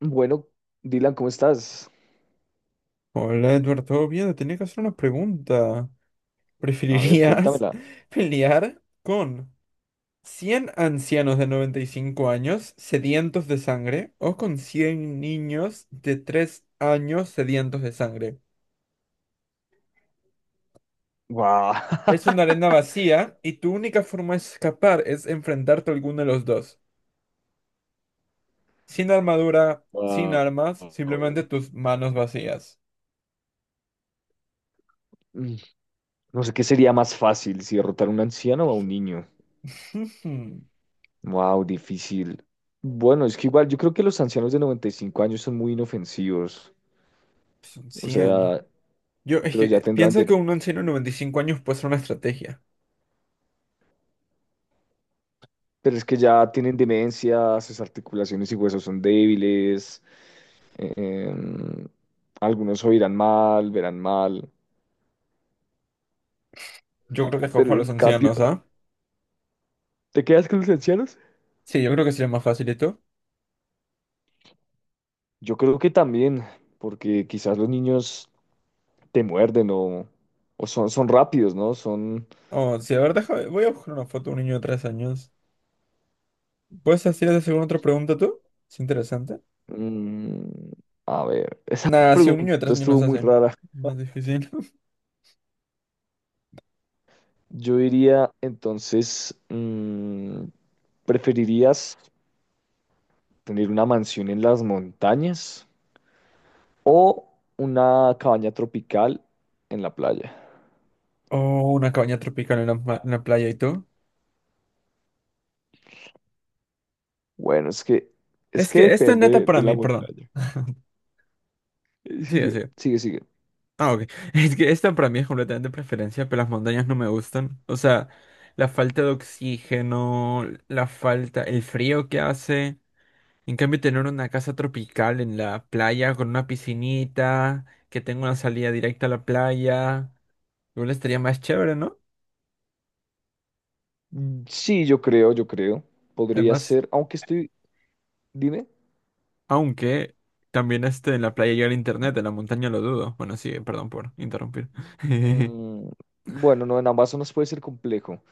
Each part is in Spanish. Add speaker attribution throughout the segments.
Speaker 1: Bueno, Dylan, ¿cómo estás?
Speaker 2: Hola Edward, ¿todo bien? Te tenía que hacer una pregunta.
Speaker 1: A ver,
Speaker 2: ¿Preferirías
Speaker 1: cuéntamela.
Speaker 2: pelear con 100 ancianos de 95 años sedientos de sangre o con 100 niños de 3 años sedientos de sangre?
Speaker 1: Guau.
Speaker 2: Es una arena vacía y tu única forma de escapar es enfrentarte a alguno de los dos. Sin armadura, sin
Speaker 1: Guau.
Speaker 2: armas, simplemente tus manos vacías.
Speaker 1: Mm, No sé qué sería más fácil, si derrotar a un anciano o a un niño. Wow, difícil. Bueno, es que igual yo creo que los ancianos de 95 años son muy inofensivos.
Speaker 2: Son
Speaker 1: O
Speaker 2: 100.
Speaker 1: sea,
Speaker 2: Yo, es
Speaker 1: pero
Speaker 2: que
Speaker 1: ya
Speaker 2: Piensa que un anciano de 95 años puede ser una estrategia.
Speaker 1: Pero es que ya tienen demencia, sus articulaciones y huesos son débiles. em, Algunos oirán mal, verán mal.
Speaker 2: Yo creo que escojo a
Speaker 1: Pero
Speaker 2: los
Speaker 1: en cambio,
Speaker 2: ancianos, ¿ah?
Speaker 1: ¿te quedas con los ancianos?
Speaker 2: Sí, yo creo que sería más fácil. ¿Y tú?
Speaker 1: Yo creo que también, porque quizás los niños te muerden o son rápidos, ¿no?
Speaker 2: Oh, sí, a ver, deja, voy a buscar una foto de un niño de 3 años. ¿Puedes hacer otra pregunta tú? Es interesante.
Speaker 1: Mm, a ver, esa
Speaker 2: Nada, si un niño de
Speaker 1: pregunta
Speaker 2: 3 años
Speaker 1: estuvo
Speaker 2: nos
Speaker 1: muy
Speaker 2: hace.
Speaker 1: rara.
Speaker 2: Más difícil.
Speaker 1: Yo diría, entonces, ¿preferirías tener una mansión en las montañas o una cabaña tropical en la playa?
Speaker 2: Oh, una cabaña tropical en en la playa, ¿y tú?
Speaker 1: Bueno, es
Speaker 2: Es
Speaker 1: que
Speaker 2: que esta neta
Speaker 1: depende de
Speaker 2: para
Speaker 1: la
Speaker 2: mí, perdón.
Speaker 1: montaña.
Speaker 2: Sí,
Speaker 1: Sigue,
Speaker 2: sí.
Speaker 1: sigue, sigue.
Speaker 2: Ah, ok. Es que esta para mí es completamente preferencia, pero las montañas no me gustan. O sea, la falta de oxígeno, la falta, el frío que hace. En cambio, tener una casa tropical en la playa con una piscinita, que tenga una salida directa a la playa, igual estaría más chévere, ¿no?
Speaker 1: Mm, sí, yo creo. Podría
Speaker 2: Además,
Speaker 1: ser, aunque estoy. Dime.
Speaker 2: aunque también este en la playa llega el internet, en la montaña lo dudo. Bueno, sí, perdón por interrumpir.
Speaker 1: Mm, bueno, no, en Amazonas puede ser complejo.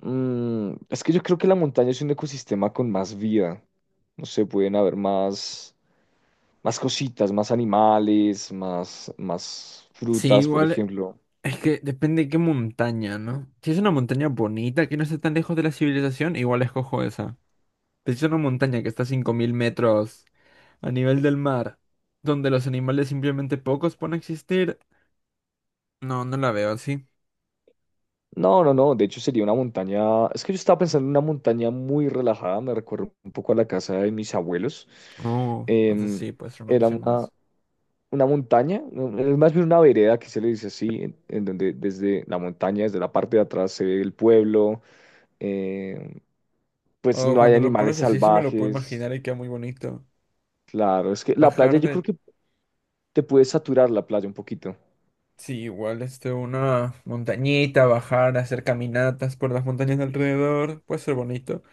Speaker 1: Mm, es que yo creo que la montaña es un ecosistema con más vida. No sé, pueden haber más cositas, más animales, más
Speaker 2: Sí,
Speaker 1: frutas, por
Speaker 2: igual
Speaker 1: ejemplo.
Speaker 2: es que depende de qué montaña, ¿no? Si es una montaña bonita que no esté tan lejos de la civilización, igual escojo esa. Pero si es una montaña que está a 5.000 metros a nivel del mar, donde los animales simplemente pocos pueden existir. No, no la veo así.
Speaker 1: No, no, no. De hecho, sería una montaña. Es que yo estaba pensando en una montaña muy relajada. Me recuerda un poco a la casa de mis abuelos.
Speaker 2: Oh, entonces
Speaker 1: Em,
Speaker 2: sí, puede ser una
Speaker 1: Era
Speaker 2: opción más.
Speaker 1: una montaña, no, es más bien una vereda que se le dice así, en donde desde la montaña, desde la parte de atrás se ve el pueblo, eh, pues
Speaker 2: Oh,
Speaker 1: no hay
Speaker 2: cuando lo
Speaker 1: animales
Speaker 2: pones así, sí me lo puedo
Speaker 1: salvajes,
Speaker 2: imaginar y queda muy bonito.
Speaker 1: claro, es que la playa
Speaker 2: Bajar
Speaker 1: yo creo
Speaker 2: de,
Speaker 1: que te puede saturar la playa un poquito.
Speaker 2: sí, igual, este, una montañita, bajar, hacer caminatas por las montañas de alrededor, puede ser bonito.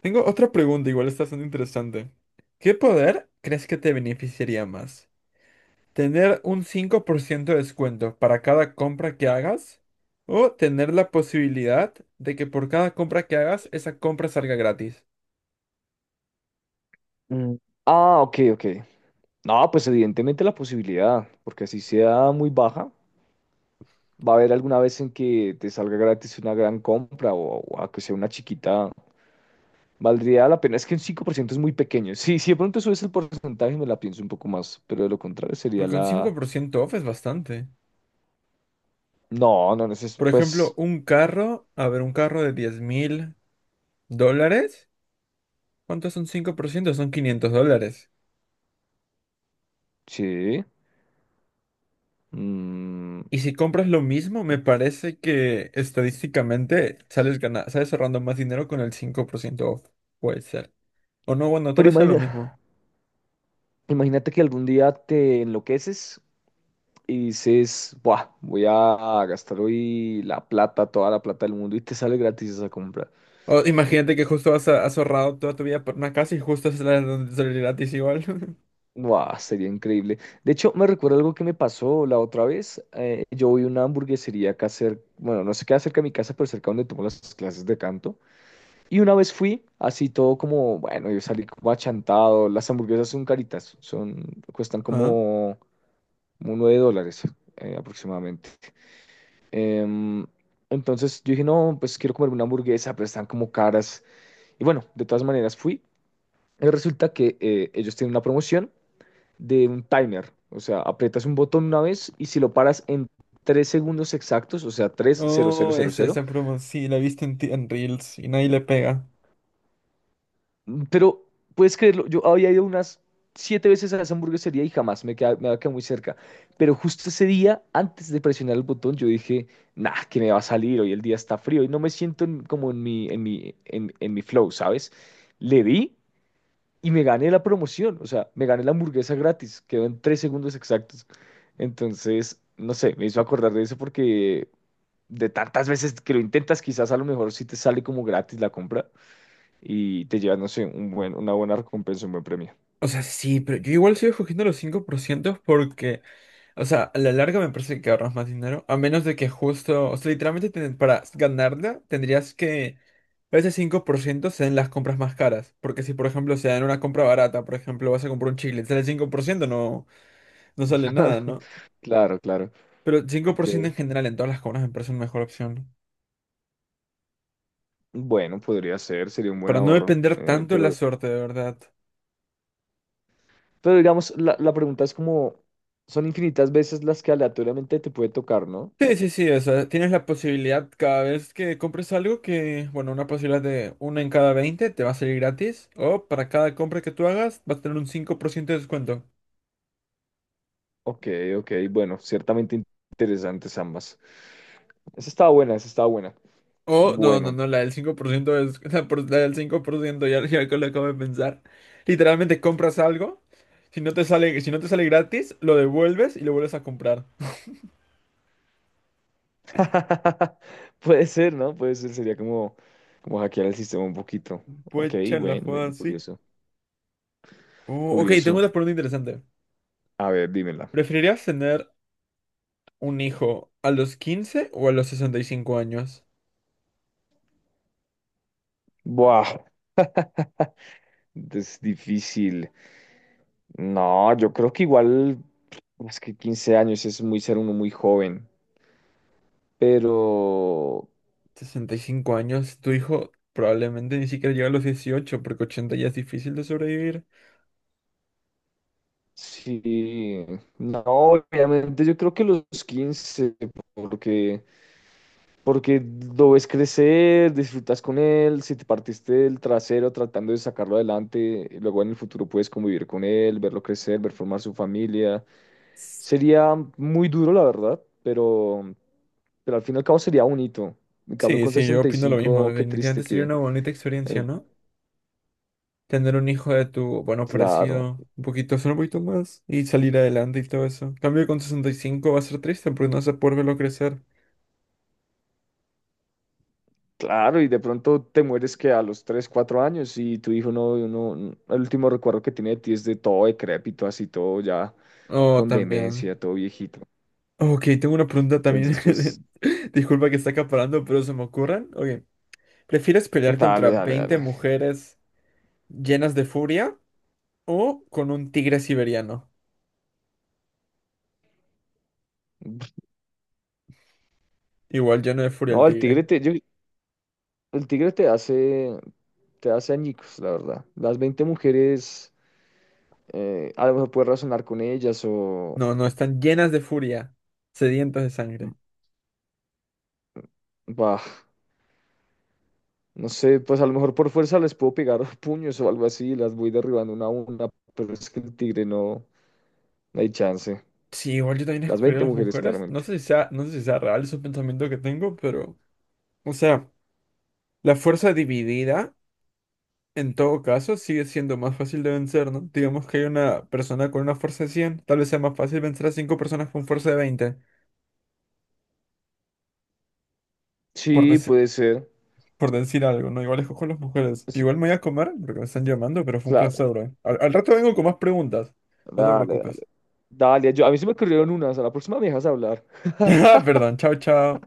Speaker 2: Tengo otra pregunta, igual está bastante interesante. ¿Qué poder crees que te beneficiaría más? ¿Tener un 5% de descuento para cada compra que hagas? ¿O tener la posibilidad de que por cada compra que hagas, esa compra salga gratis?
Speaker 1: Mm, Ah, ok, ok. No, pues evidentemente la posibilidad, porque así sea muy baja, va a haber alguna vez en que te salga gratis una gran compra o a que sea una chiquita. Valdría la pena, es que un ciento es muy pequeño. Sí, si de pronto subes el porcentaje, me la pienso un poco más, pero de lo contrario sería
Speaker 2: Porque un cinco
Speaker 1: la...
Speaker 2: por ciento off es bastante.
Speaker 1: No, no, no sé,
Speaker 2: Por ejemplo,
Speaker 1: pues
Speaker 2: un carro, a ver, un carro de 10.000 dólares, ¿cuánto son ciento? Son 500 dólares.
Speaker 1: sí. mm,
Speaker 2: Y si compras lo mismo, me parece que estadísticamente sales ahorrando más dinero con el 5% off. Puede ser. O no, bueno, tal
Speaker 1: Pero
Speaker 2: vez sea lo mismo.
Speaker 1: imagina, imagínate que algún día te enloqueces y dices, buah, voy a gastar hoy la plata, toda la plata del mundo y te sale gratis esa compra.
Speaker 2: O imagínate que justo has ahorrado toda tu vida por una casa y justo es la donde sale gratis igual.
Speaker 1: Buah, sería increíble. De hecho, me recuerda algo que me pasó la otra vez. Yo voy a una hamburguesería acá cerca, bueno, no sé qué cerca de mi casa, pero cerca donde tomo las clases de canto. Y una vez fui, así todo como, bueno, yo salí como achantado. Las hamburguesas son caritas, cuestan
Speaker 2: Ajá.
Speaker 1: como $9 aproximadamente. Em, entonces yo dije, no, pues quiero comer una hamburguesa, pero están como caras. Y bueno, de todas maneras fui. Y resulta que ellos tienen una promoción de un timer. O sea, aprietas un botón una vez y si lo paras en 3 segundos exactos, o sea, tres.
Speaker 2: Oh, esa promo, sí, la viste en Reels y nadie le pega.
Speaker 1: Pero puedes creerlo, yo había ido unas 7 veces a esa hamburguesería y jamás me había quedado muy cerca. Pero justo ese día, antes de presionar el botón, yo dije, nah, que me va a salir, hoy el día está frío y no me siento como en mi flow, ¿sabes? Le di y me gané la promoción, o sea, me gané la hamburguesa gratis, quedó en 3 segundos exactos. Entonces, no sé, me hizo acordar de eso porque de tantas veces que lo intentas, quizás a lo mejor sí te sale como gratis la compra y te llevas, no sé, una buena recompensa, un buen premio.
Speaker 2: O sea, sí, pero yo igual sigo escogiendo los 5% porque, o sea, a la larga me parece que ahorras más dinero, a menos de que justo, o sea, literalmente para ganarla tendrías que ese 5% sean las compras más caras, porque si por ejemplo se dan una compra barata, por ejemplo, vas a comprar un chicle, sale 5% no sale nada, ¿no?
Speaker 1: Claro, claro.
Speaker 2: Pero cinco
Speaker 1: Ok.
Speaker 2: por ciento en general en todas las compras me parece una mejor opción, ¿no?
Speaker 1: Bueno, podría ser, sería un buen
Speaker 2: Para no
Speaker 1: ahorro.
Speaker 2: depender tanto de la suerte, de verdad.
Speaker 1: Pero digamos, la pregunta es como, son infinitas veces las que aleatoriamente te puede tocar, ¿no?
Speaker 2: Sí, sí, sí, o sea, tienes la posibilidad cada vez que compres algo que, bueno, una posibilidad de una en cada 20 te va a salir gratis, o para cada compra que tú hagas vas a tener un 5% de descuento.
Speaker 1: Ok, ok, bueno, ciertamente interesantes ambas. Esa estaba buena, esa estaba buena.
Speaker 2: O, no, no,
Speaker 1: Bueno,
Speaker 2: no, la, del 5% es la del 5% ya, ya que lo acabo de pensar. Literalmente compras algo, si no te sale, si no te sale gratis, lo devuelves y lo vuelves a comprar.
Speaker 1: puede ser, ¿no? Puede ser, sería como, como hackear el sistema un poquito. Ok,
Speaker 2: Puecha la
Speaker 1: bueno,
Speaker 2: jugada
Speaker 1: bueno,
Speaker 2: así.
Speaker 1: curioso.
Speaker 2: Oh, ok, tengo
Speaker 1: Curioso.
Speaker 2: una pregunta interesante.
Speaker 1: A ver, dímela.
Speaker 2: ¿Preferirías tener un hijo a los 15 o a los 65 años?
Speaker 1: Buah, es difícil. No, yo creo que igual, es que 15 años es muy ser uno muy joven, pero
Speaker 2: 65 años, tu hijo probablemente ni siquiera llega a los 18 porque 80 ya es difícil de sobrevivir.
Speaker 1: sí, no, obviamente yo creo que los 15, porque. Porque lo ves crecer, disfrutas con él, si te partiste el trasero tratando de sacarlo adelante, luego en el futuro puedes convivir con él, verlo crecer, ver formar su familia. Sería muy duro, la verdad, pero al fin y al cabo sería bonito. En cambio,
Speaker 2: Sí,
Speaker 1: con
Speaker 2: sí, yo
Speaker 1: sesenta y
Speaker 2: opino lo mismo.
Speaker 1: cinco, qué triste
Speaker 2: Definitivamente sería
Speaker 1: que...
Speaker 2: una bonita experiencia,
Speaker 1: eh,
Speaker 2: ¿no? Tener un hijo de tu, bueno,
Speaker 1: claro.
Speaker 2: parecido, un poquito, solo un poquito más, y salir adelante y todo eso. En cambio con 65 va a ser triste porque no vas a poder verlo crecer.
Speaker 1: Claro, y de pronto te mueres que a los 3 o 4 años y tu hijo el último recuerdo que tiene de ti es de todo decrépito, así todo ya
Speaker 2: Oh,
Speaker 1: con
Speaker 2: también.
Speaker 1: demencia, todo viejito.
Speaker 2: Ok, tengo una pregunta también.
Speaker 1: Entonces, pues,
Speaker 2: Disculpa que está acaparando, pero se me ocurren. Ok, ¿prefieres pelear
Speaker 1: dale,
Speaker 2: contra
Speaker 1: dale,
Speaker 2: 20
Speaker 1: dale.
Speaker 2: mujeres llenas de furia o con un tigre siberiano? Igual lleno de furia el
Speaker 1: No, el
Speaker 2: tigre.
Speaker 1: el tigre te hace añicos, la verdad. Las 20 mujeres, a lo mejor puedes razonar con ellas o,
Speaker 2: No, no, están llenas de furia. Sedientas de sangre.
Speaker 1: bah. No sé, pues a lo mejor por fuerza les puedo pegar puños o algo así, las voy derribando una a una, pero es que el tigre no, no hay chance.
Speaker 2: Sí, igual yo también
Speaker 1: Las
Speaker 2: escogería
Speaker 1: 20
Speaker 2: a las
Speaker 1: mujeres,
Speaker 2: mujeres. No
Speaker 1: claramente.
Speaker 2: sé si sea, no sé si sea real ese pensamiento que tengo, pero. O sea, la fuerza dividida, en todo caso, sigue siendo más fácil de vencer, ¿no? Digamos que hay una persona con una fuerza de 100 tal vez sea más fácil vencer a cinco personas con fuerza de 20. Por,
Speaker 1: Sí, puede ser.
Speaker 2: por decir algo, ¿no? Igual escojo a las mujeres.
Speaker 1: Eso,
Speaker 2: Igual me voy a comer porque me están llamando, pero fue un
Speaker 1: claro,
Speaker 2: placer, bro. Al rato vengo con más preguntas. No te
Speaker 1: dale,
Speaker 2: preocupes.
Speaker 1: dale. Dale, yo- a mí se me ocurrieron unas, a la próxima me dejas hablar.
Speaker 2: Perdón, chao, chao.